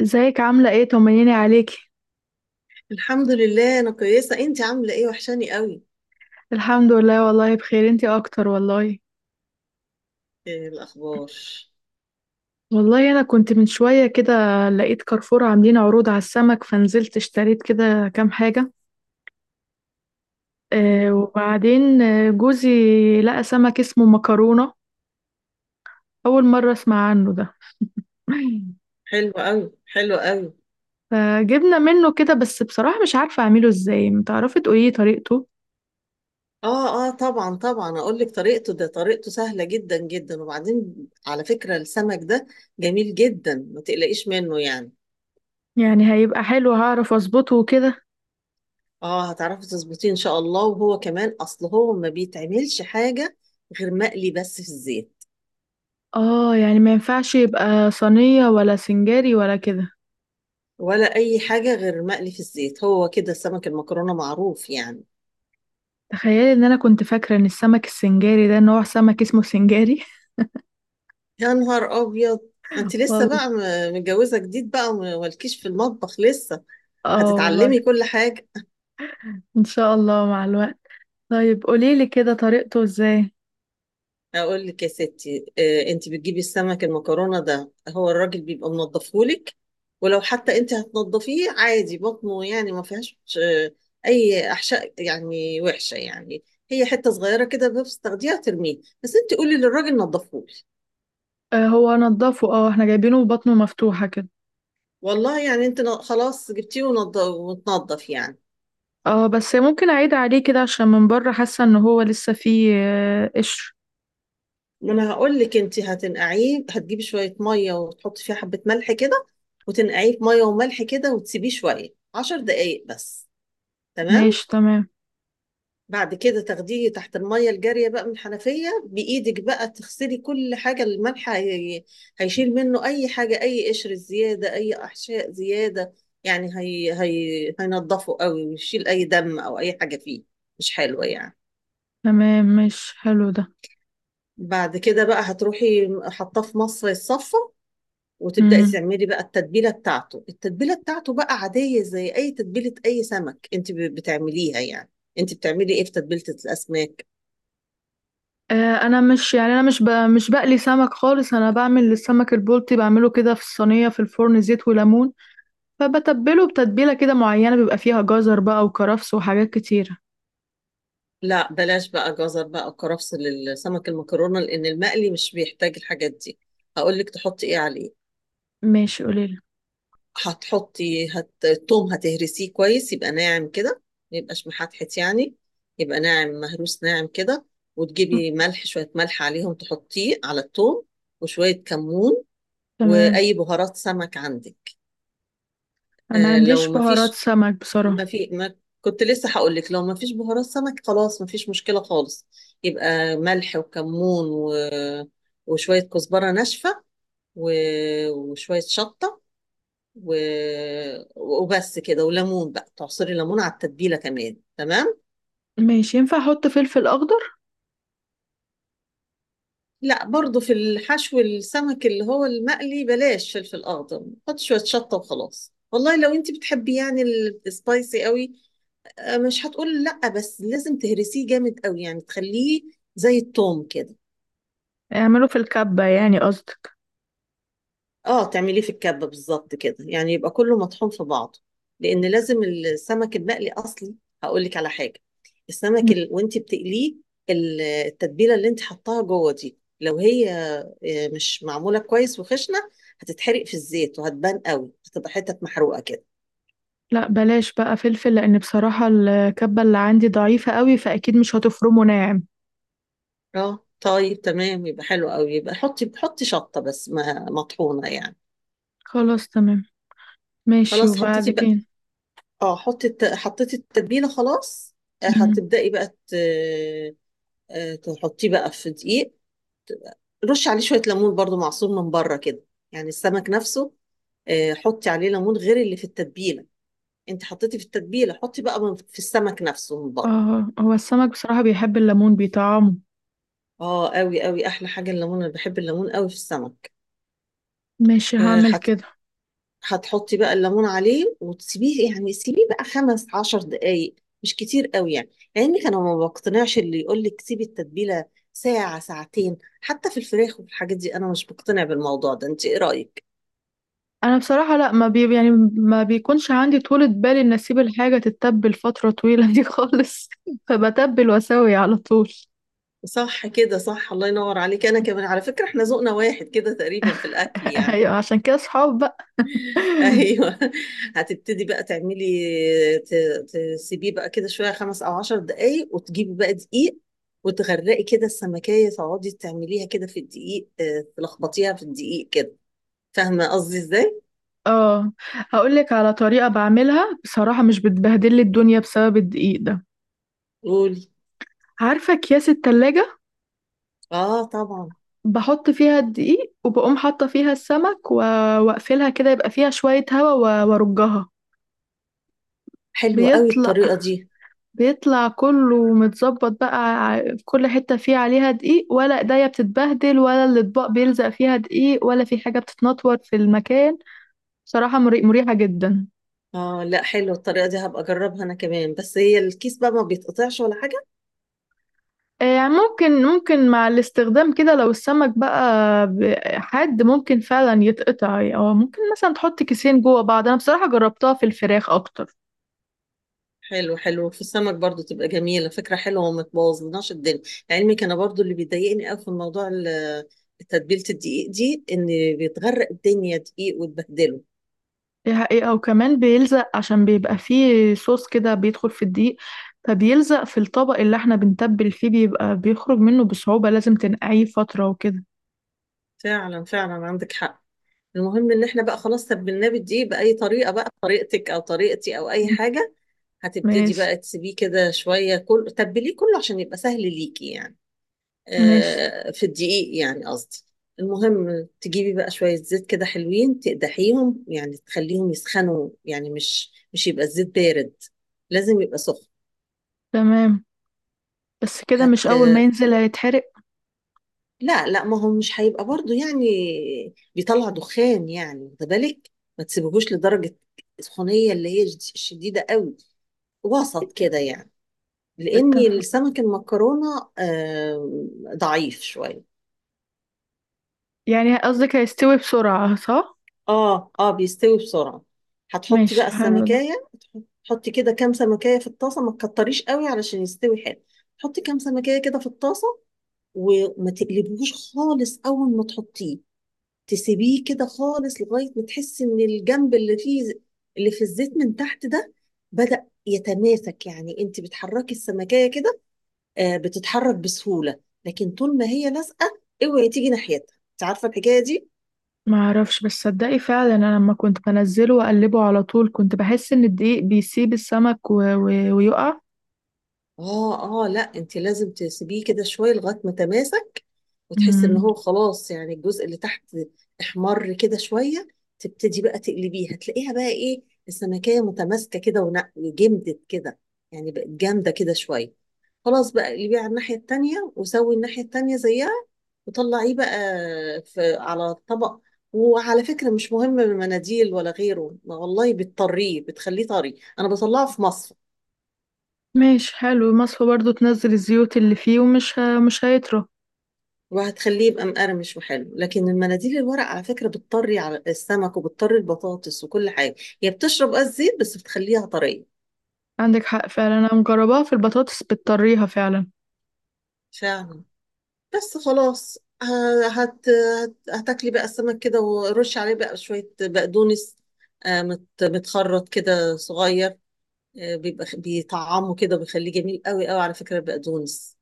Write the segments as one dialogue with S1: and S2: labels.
S1: ازيك؟ عاملة ايه؟ طمنيني عليكي.
S2: الحمد لله، انا كويسه. انت عامله ايه؟ وحشاني قوي.
S1: الحمد لله والله بخير. انتي اكتر والله.
S2: إيه الاخبار؟
S1: والله انا كنت من شوية كده لقيت كارفور عاملين عروض على السمك، فنزلت اشتريت كده كام حاجة. آه
S2: مم.
S1: وبعدين آه، جوزي لقى سمك اسمه مكرونة. اول مرة اسمع عنه ده.
S2: حلو قوي. حلو قوي.
S1: فجبنا منه كده، بس بصراحة مش عارفة اعمله ازاي. متعرفي تقولي طريقته؟
S2: اه اه طبعا طبعا اقول لك طريقته، ده طريقته سهله جدا جدا. وبعدين على فكره السمك ده جميل جدا، ما تقلقيش منه يعني.
S1: يعني هيبقى حلو؟ هعرف اظبطه وكده؟
S2: اه هتعرفي تظبطيه ان شاء الله، وهو كمان اصل هو ما بيتعملش حاجه غير مقلي بس في الزيت.
S1: اه، يعني ما ينفعش يبقى صينية ولا سنجاري ولا كده؟
S2: ولا اي حاجه غير مقلي في الزيت، هو كده سمك المكرونه معروف يعني.
S1: تخيلي ان انا كنت فاكره ان السمك السنجاري ده نوع سمك اسمه سنجاري.
S2: يا نهار ابيض! انت لسه
S1: والله.
S2: بقى متجوزه جديد بقى ومالكيش في المطبخ لسه.
S1: اه والله.
S2: هتتعلمي كل حاجه.
S1: ان شاء الله مع الوقت. طيب قوليلي كده طريقته ازاي.
S2: اقول لك يا ستي، انت بتجيبي السمك المكرونه ده هو الراجل بيبقى منضفهولك. ولو حتى انت هتنضفيه عادي، بطنه يعني ما فيهاش اي احشاء يعني وحشه يعني. هي حته صغيره كده بس تاخديها ترميه، بس انت قولي للراجل نضفهولي.
S1: آه، هو نضفه. اه احنا جايبينه بطنه مفتوحه كده.
S2: والله يعني انت خلاص جبتيه وتنضف يعني.
S1: اه بس ممكن اعيد عليه كده عشان من بره حاسه ان هو لسه فيه قشر.
S2: ما انا هقول لك، انت هتنقعيه. هتجيبي شويه ميه وتحطي فيها حبه ملح كده، وتنقعيه في ميه وملح كده وتسيبيه شويه، 10 دقايق بس. تمام.
S1: ماشي تمام.
S2: بعد كده تاخديه تحت الميه الجاريه بقى من الحنفيه، بايدك بقى تغسلي كل حاجه. الملح هيشيل منه اي حاجه، اي قشر زياده، اي احشاء زياده يعني. هينضفه قوي ويشيل اي دم او اي حاجه فيه مش حلوه يعني.
S1: تمام، مش حلو ده.
S2: بعد كده بقى هتروحي حاطاه في مصفى الصفة، وتبدأي
S1: امم
S2: تعملي بقى التتبيلة بتاعته. التتبيلة بتاعته بقى عادية زي أي تتبيلة أي سمك أنت بتعمليها يعني. أنت بتعملي إيه في تتبيلة الأسماك؟
S1: آه، انا مش يعني انا مش مش بقلي سمك خالص. انا بعمل السمك البلطي، بعمله كده في الصينيه في الفرن زيت وليمون. فبتبله بتتبيلة كده معينة بيبقى فيها جزر بقى وكرفس وحاجات كتيرة.
S2: لا بلاش بقى جزر بقى وكرفس للسمك المكرونة، لأن المقلي مش بيحتاج الحاجات دي. هقول لك تحطي إيه عليه.
S1: ماشي قليلة.
S2: التوم هتهرسيه كويس يبقى ناعم كده، ما يبقاش محتحت يعني، يبقى ناعم مهروس ناعم كده.
S1: م-
S2: وتجيبي ملح، شوية ملح عليهم تحطيه على التوم. وشوية كمون.
S1: تمام.
S2: واي بهارات سمك عندك.
S1: أنا ما عنديش
S2: لو ما
S1: بهارات
S2: فيش،
S1: سمك بصراحة.
S2: ما كنت لسه هقول لك لو ما فيش بهارات سمك خلاص، ما فيش مشكلة خالص. يبقى ملح وكمون وشوية كزبرة ناشفة، و... وشوية شطة، و... وبس كده. وليمون بقى تعصري ليمون على التتبيلة كمان. تمام.
S1: ماشي، ينفع أحط فلفل أخضر؟
S2: لا برضو في الحشو، السمك اللي هو المقلي بلاش فلفل اخضر، حط شوية شطة وخلاص. والله لو انت بتحبي يعني السبايسي قوي، مش هتقول لأ، بس لازم تهرسيه جامد قوي يعني تخليه زي التوم كده.
S1: اعمله في الكبة يعني قصدك؟
S2: اه تعمليه في الكبة بالظبط كده يعني يبقى كله مطحون في بعضه. لأن لازم السمك المقلي أصلي. هقولك على حاجة،
S1: م.
S2: وانت بتقليه، التتبيلة اللي انت حطاها جوه دي لو هي مش معمولة كويس وخشنة، هتتحرق في الزيت وهتبان قوي، هتبقى حتت محروقة كده.
S1: لا بلاش بقى فلفل، لأن بصراحة الكبة اللي عندي ضعيفة قوي، فأكيد مش هتفرمه ناعم.
S2: اه طيب تمام، يبقى حلو قوي. يبقى حطي، حطي شطة بس ما مطحونة يعني.
S1: خلاص تمام. ماشي
S2: خلاص
S1: وبعد
S2: حطيتي بقى.
S1: كده.
S2: اه، حطي حطيتي التتبيله خلاص.
S1: م.
S2: هتبداي بقى تحطيه بقى في دقيق. رشي عليه شويه ليمون برضو معصور من بره كده، يعني السمك نفسه. حطي عليه ليمون غير اللي في التتبيله. انت حطيتي في التتبيله، حطي بقى في السمك نفسه من بره.
S1: اه، هو السمك بصراحة بيحب الليمون، بيطعمه.
S2: اه قوي قوي، احلى حاجه الليمون، انا بحب الليمون قوي في السمك.
S1: ماشي
S2: آه،
S1: هعمل كده.
S2: هتحطي بقى الليمون عليه وتسيبيه، يعني سيبيه بقى 15 دقايق، مش كتير قوي يعني. لان انا ما بقتنعش اللي يقول لك سيبي التتبيله ساعه ساعتين حتى في الفراخ وفي الحاجات دي. انا مش بقتنع بالموضوع ده، انت ايه رايك؟
S1: انا بصراحه لا، ما بي يعني ما بيكونش عندي طولة بال ان اسيب الحاجه تتبل فتره طويله دي خالص. فبتبل واسوي على طول.
S2: صح كده صح. الله ينور عليك. انا كمان على فكره احنا ذوقنا واحد كده تقريبا في الاكل يعني.
S1: ايوه، عشان كده صحاب بقى.
S2: ايوه هتبتدي بقى تعملي، ت- تسيبيه بقى كده شويه 5 او 10 دقايق، وتجيبي بقى دقيق وتغرقي كده السمكيه. تقعدي تعمليها كده في الدقيق، تلخبطيها في الدقيق كده. فاهمه قصدي ازاي؟
S1: اه، هقول لك على طريقه بعملها بصراحه مش بتبهدل لي الدنيا بسبب الدقيق ده.
S2: قولي.
S1: عارفه اكياس التلاجة؟
S2: اه طبعا.
S1: بحط فيها الدقيق وبقوم حاطه فيها السمك واقفلها كده يبقى فيها شويه هوا وارجها.
S2: حلوه قوي
S1: بيطلع
S2: الطريقه دي.
S1: بيطلع كله متظبط بقى. في كل حتة فيه عليها دقيق، ولا ايديا بتتبهدل، ولا الأطباق بيلزق فيها دقيق، ولا في حاجة بتتنطور في المكان. بصراحة مريحة جدا.
S2: اه لا، حلوه الطريقه دي، هبقى اجربها انا كمان. بس هي الكيس بقى ما بيتقطعش ولا حاجه؟
S1: يعني ممكن، مع الاستخدام كده، لو السمك بقى حاد ممكن فعلا يتقطع، او ممكن مثلا تحط كيسين جوه بعض. انا بصراحة جربتها في الفراخ اكتر.
S2: حلو، حلو في السمك برضو تبقى جميلة. فكرة حلوة وما تبوظلناش الدنيا. لعلمك أنا برضو اللي بيضايقني أوي في الموضوع، تتبيلة الدقيق دي إن بيتغرق الدنيا دقيق وتبهدله.
S1: دي حقيقة، وكمان بيلزق عشان بيبقى فيه صوص كده بيدخل في الدقيق، فبيلزق في الطبق اللي احنا بنتبل فيه، بيبقى بيخرج منه بصعوبة، لازم تنقعيه فترة وكده.
S2: فعلا فعلا، عندك حق. المهم إن إحنا بقى خلاص تبلناه بالدقيق بأي طريقة بقى، طريقتك أو طريقتي أو أي حاجة. هتبتدي
S1: ماشي.
S2: بقى تسيبيه كده شوية كل تبليه كله عشان يبقى سهل ليكي يعني.
S1: ماشي
S2: في الدقيق يعني قصدي. المهم تجيبي بقى شوية زيت كده حلوين، تقدحيهم يعني تخليهم يسخنوا، يعني مش يبقى الزيت بارد، لازم يبقى سخن.
S1: تمام. بس كده مش
S2: هت
S1: أول ما ينزل هيتحرق؟
S2: لا لا، ما هو مش هيبقى برضو يعني بيطلع دخان يعني، واخده بالك، ما تسيبهوش لدرجة السخونية اللي هي شديدة قوي. وسط كده يعني. لأن
S1: اتفق.
S2: السمك المكرونة ضعيف شوية.
S1: يعني قصدك هيستوي بسرعة، صح؟
S2: اه اه بيستوي بسرعة. هتحطي
S1: ماشي
S2: بقى
S1: حلو ده.
S2: السمكية. تحطي كده كام سمكية في الطاسة، ما تكتريش قوي علشان يستوي حلو. تحطي كام سمكية كده في الطاسة. وما تقلبوش خالص أول ما تحطيه. تسيبيه كده خالص لغاية ما تحسي إن الجنب اللي فيه، اللي في الزيت من تحت ده، بدأ يتماسك. يعني أنت بتحركي السمكية كده، آه بتتحرك بسهولة. لكن طول ما هي لازقة اوعي تيجي ناحيتها. أنت عارفة الحكاية دي؟
S1: معرفش، بس صدقي فعلا أنا لما كنت بنزله وأقلبه على طول كنت بحس إن الدقيق بيسيب السمك ويقع.
S2: اه اه لا، انت لازم تسيبيه كده شويه لغايه ما تماسك، وتحس ان
S1: مم.
S2: هو خلاص يعني الجزء اللي تحت احمر كده شويه. تبتدي بقى تقلبيه، هتلاقيها بقى ايه السمكيه متماسكه كده وجمدت كده، يعني بقت جامده كده شويه. خلاص بقى اقلبيه على الناحيه التانيه وسوي الناحيه التانيه زيها، وطلعيه بقى في على الطبق. وعلى فكره مش مهم المناديل ولا غيره، ما والله بتطريه بتخليه طري. انا بطلعه في مصفى
S1: ماشي حلو، مصفى برضو تنزل الزيوت اللي فيه ومش مش هيطرى.
S2: وهتخليه يبقى مقرمش وحلو. لكن المناديل الورق على فكرة بتطري على السمك وبتطري البطاطس وكل حاجة، هي بتشرب قصدي زيت بس بتخليها طرية.
S1: عندك حق فعلا، انا مجرباها في البطاطس بتطريها فعلا.
S2: فعلا. بس خلاص هتاكلي بقى السمك كده، ورش عليه بقى شوية بقدونس، متخرط كده صغير. بيبقى بيطعمه كده بيخليه جميل قوي قوي على فكرة البقدونس.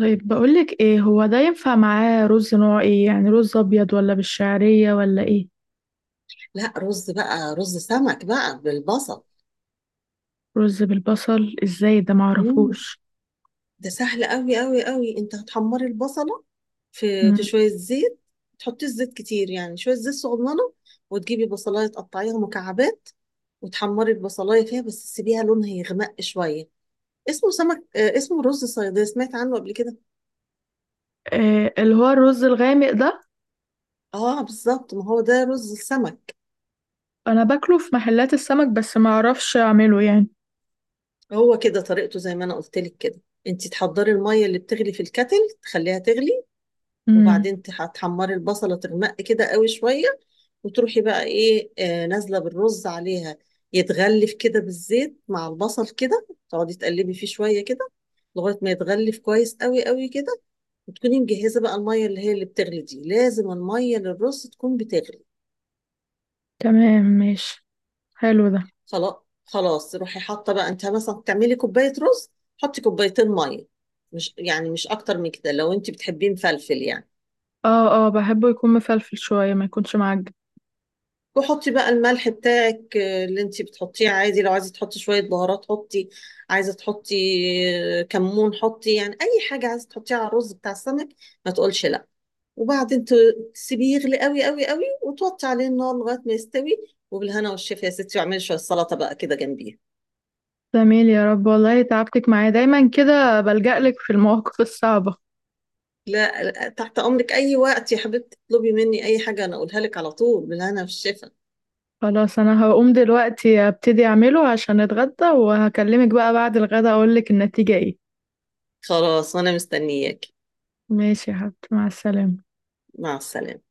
S1: طيب بقولك ايه، هو ده ينفع معاه رز نوع ايه؟ يعني رز ابيض ولا بالشعرية ولا ايه؟
S2: لا رز بقى، رز سمك بقى بالبصل.
S1: رز بالبصل ازاي؟ ده
S2: مم.
S1: معرفوش.
S2: ده سهل قوي قوي قوي. انت هتحمري البصله في
S1: مم.
S2: شويه زيت. تحطيش زيت كتير يعني، شويه زيت صغننه. وتجيبي بصلايه تقطعيها مكعبات وتحمري البصلايه فيها، بس تسيبيها لونها يغمق شويه. اسمه سمك، اسمه رز صياديه، سمعت عنه قبل كده؟
S1: إيه اللي هو الرز الغامق ده؟
S2: اه بالظبط، ما هو ده رز السمك.
S1: انا باكله في محلات السمك بس معرفش اعمله يعني.
S2: هو كده طريقته زي ما انا قلت لك كده. انت تحضري الميه اللي بتغلي في الكتل، تخليها تغلي.
S1: مم.
S2: وبعدين تحمري البصلة، تغمق كده قوي شوية. وتروحي بقى ايه، آه نازلة بالرز عليها. يتغلف كده بالزيت مع البصل كده. تقعدي تقلبي فيه شوية كده لغاية ما يتغلف كويس قوي قوي كده. وتكوني مجهزة بقى المية اللي هي اللي بتغلي دي، لازم المية للرز تكون بتغلي.
S1: تمام ماشي. حلو ده.
S2: خلاص. خلاص روحي حاطة بقى، انت مثلا تعملي كوباية رز، حطي كوبايتين مية، مش يعني مش اكتر من كده لو انت بتحبيه مفلفل يعني.
S1: اه اه، بحبه يكون مفلفل شوية ما يكونش معجن.
S2: وحطي بقى الملح بتاعك اللي انتي بتحطيه عادي. لو عايزه تحطي شويه بهارات حطي. عايزه تحطي، كمون حطي. يعني اي حاجه عايزه تحطيها على الرز بتاع السمك ما تقولش لا. وبعدين تسيبيه يغلي قوي قوي قوي، وتوطي عليه النار لغايه ما يستوي. وبالهنا والشفا يا ستي. واعملي شويه سلطه بقى كده جنبيه.
S1: جميل، يا رب. والله تعبتك معايا، دايما كده بلجأ لك في المواقف الصعبة.
S2: لا لا، تحت امرك اي وقت يا حبيبتي، اطلبي مني اي حاجه انا اقولها لك على طول. بالهنا والشفا.
S1: خلاص انا هقوم دلوقتي ابتدي اعمله عشان اتغدى، وهكلمك بقى بعد الغدا اقول لك النتيجة ايه.
S2: خلاص وانا مستنياك.
S1: ماشي يا حبيبتي، مع السلامة.
S2: مع السلامه.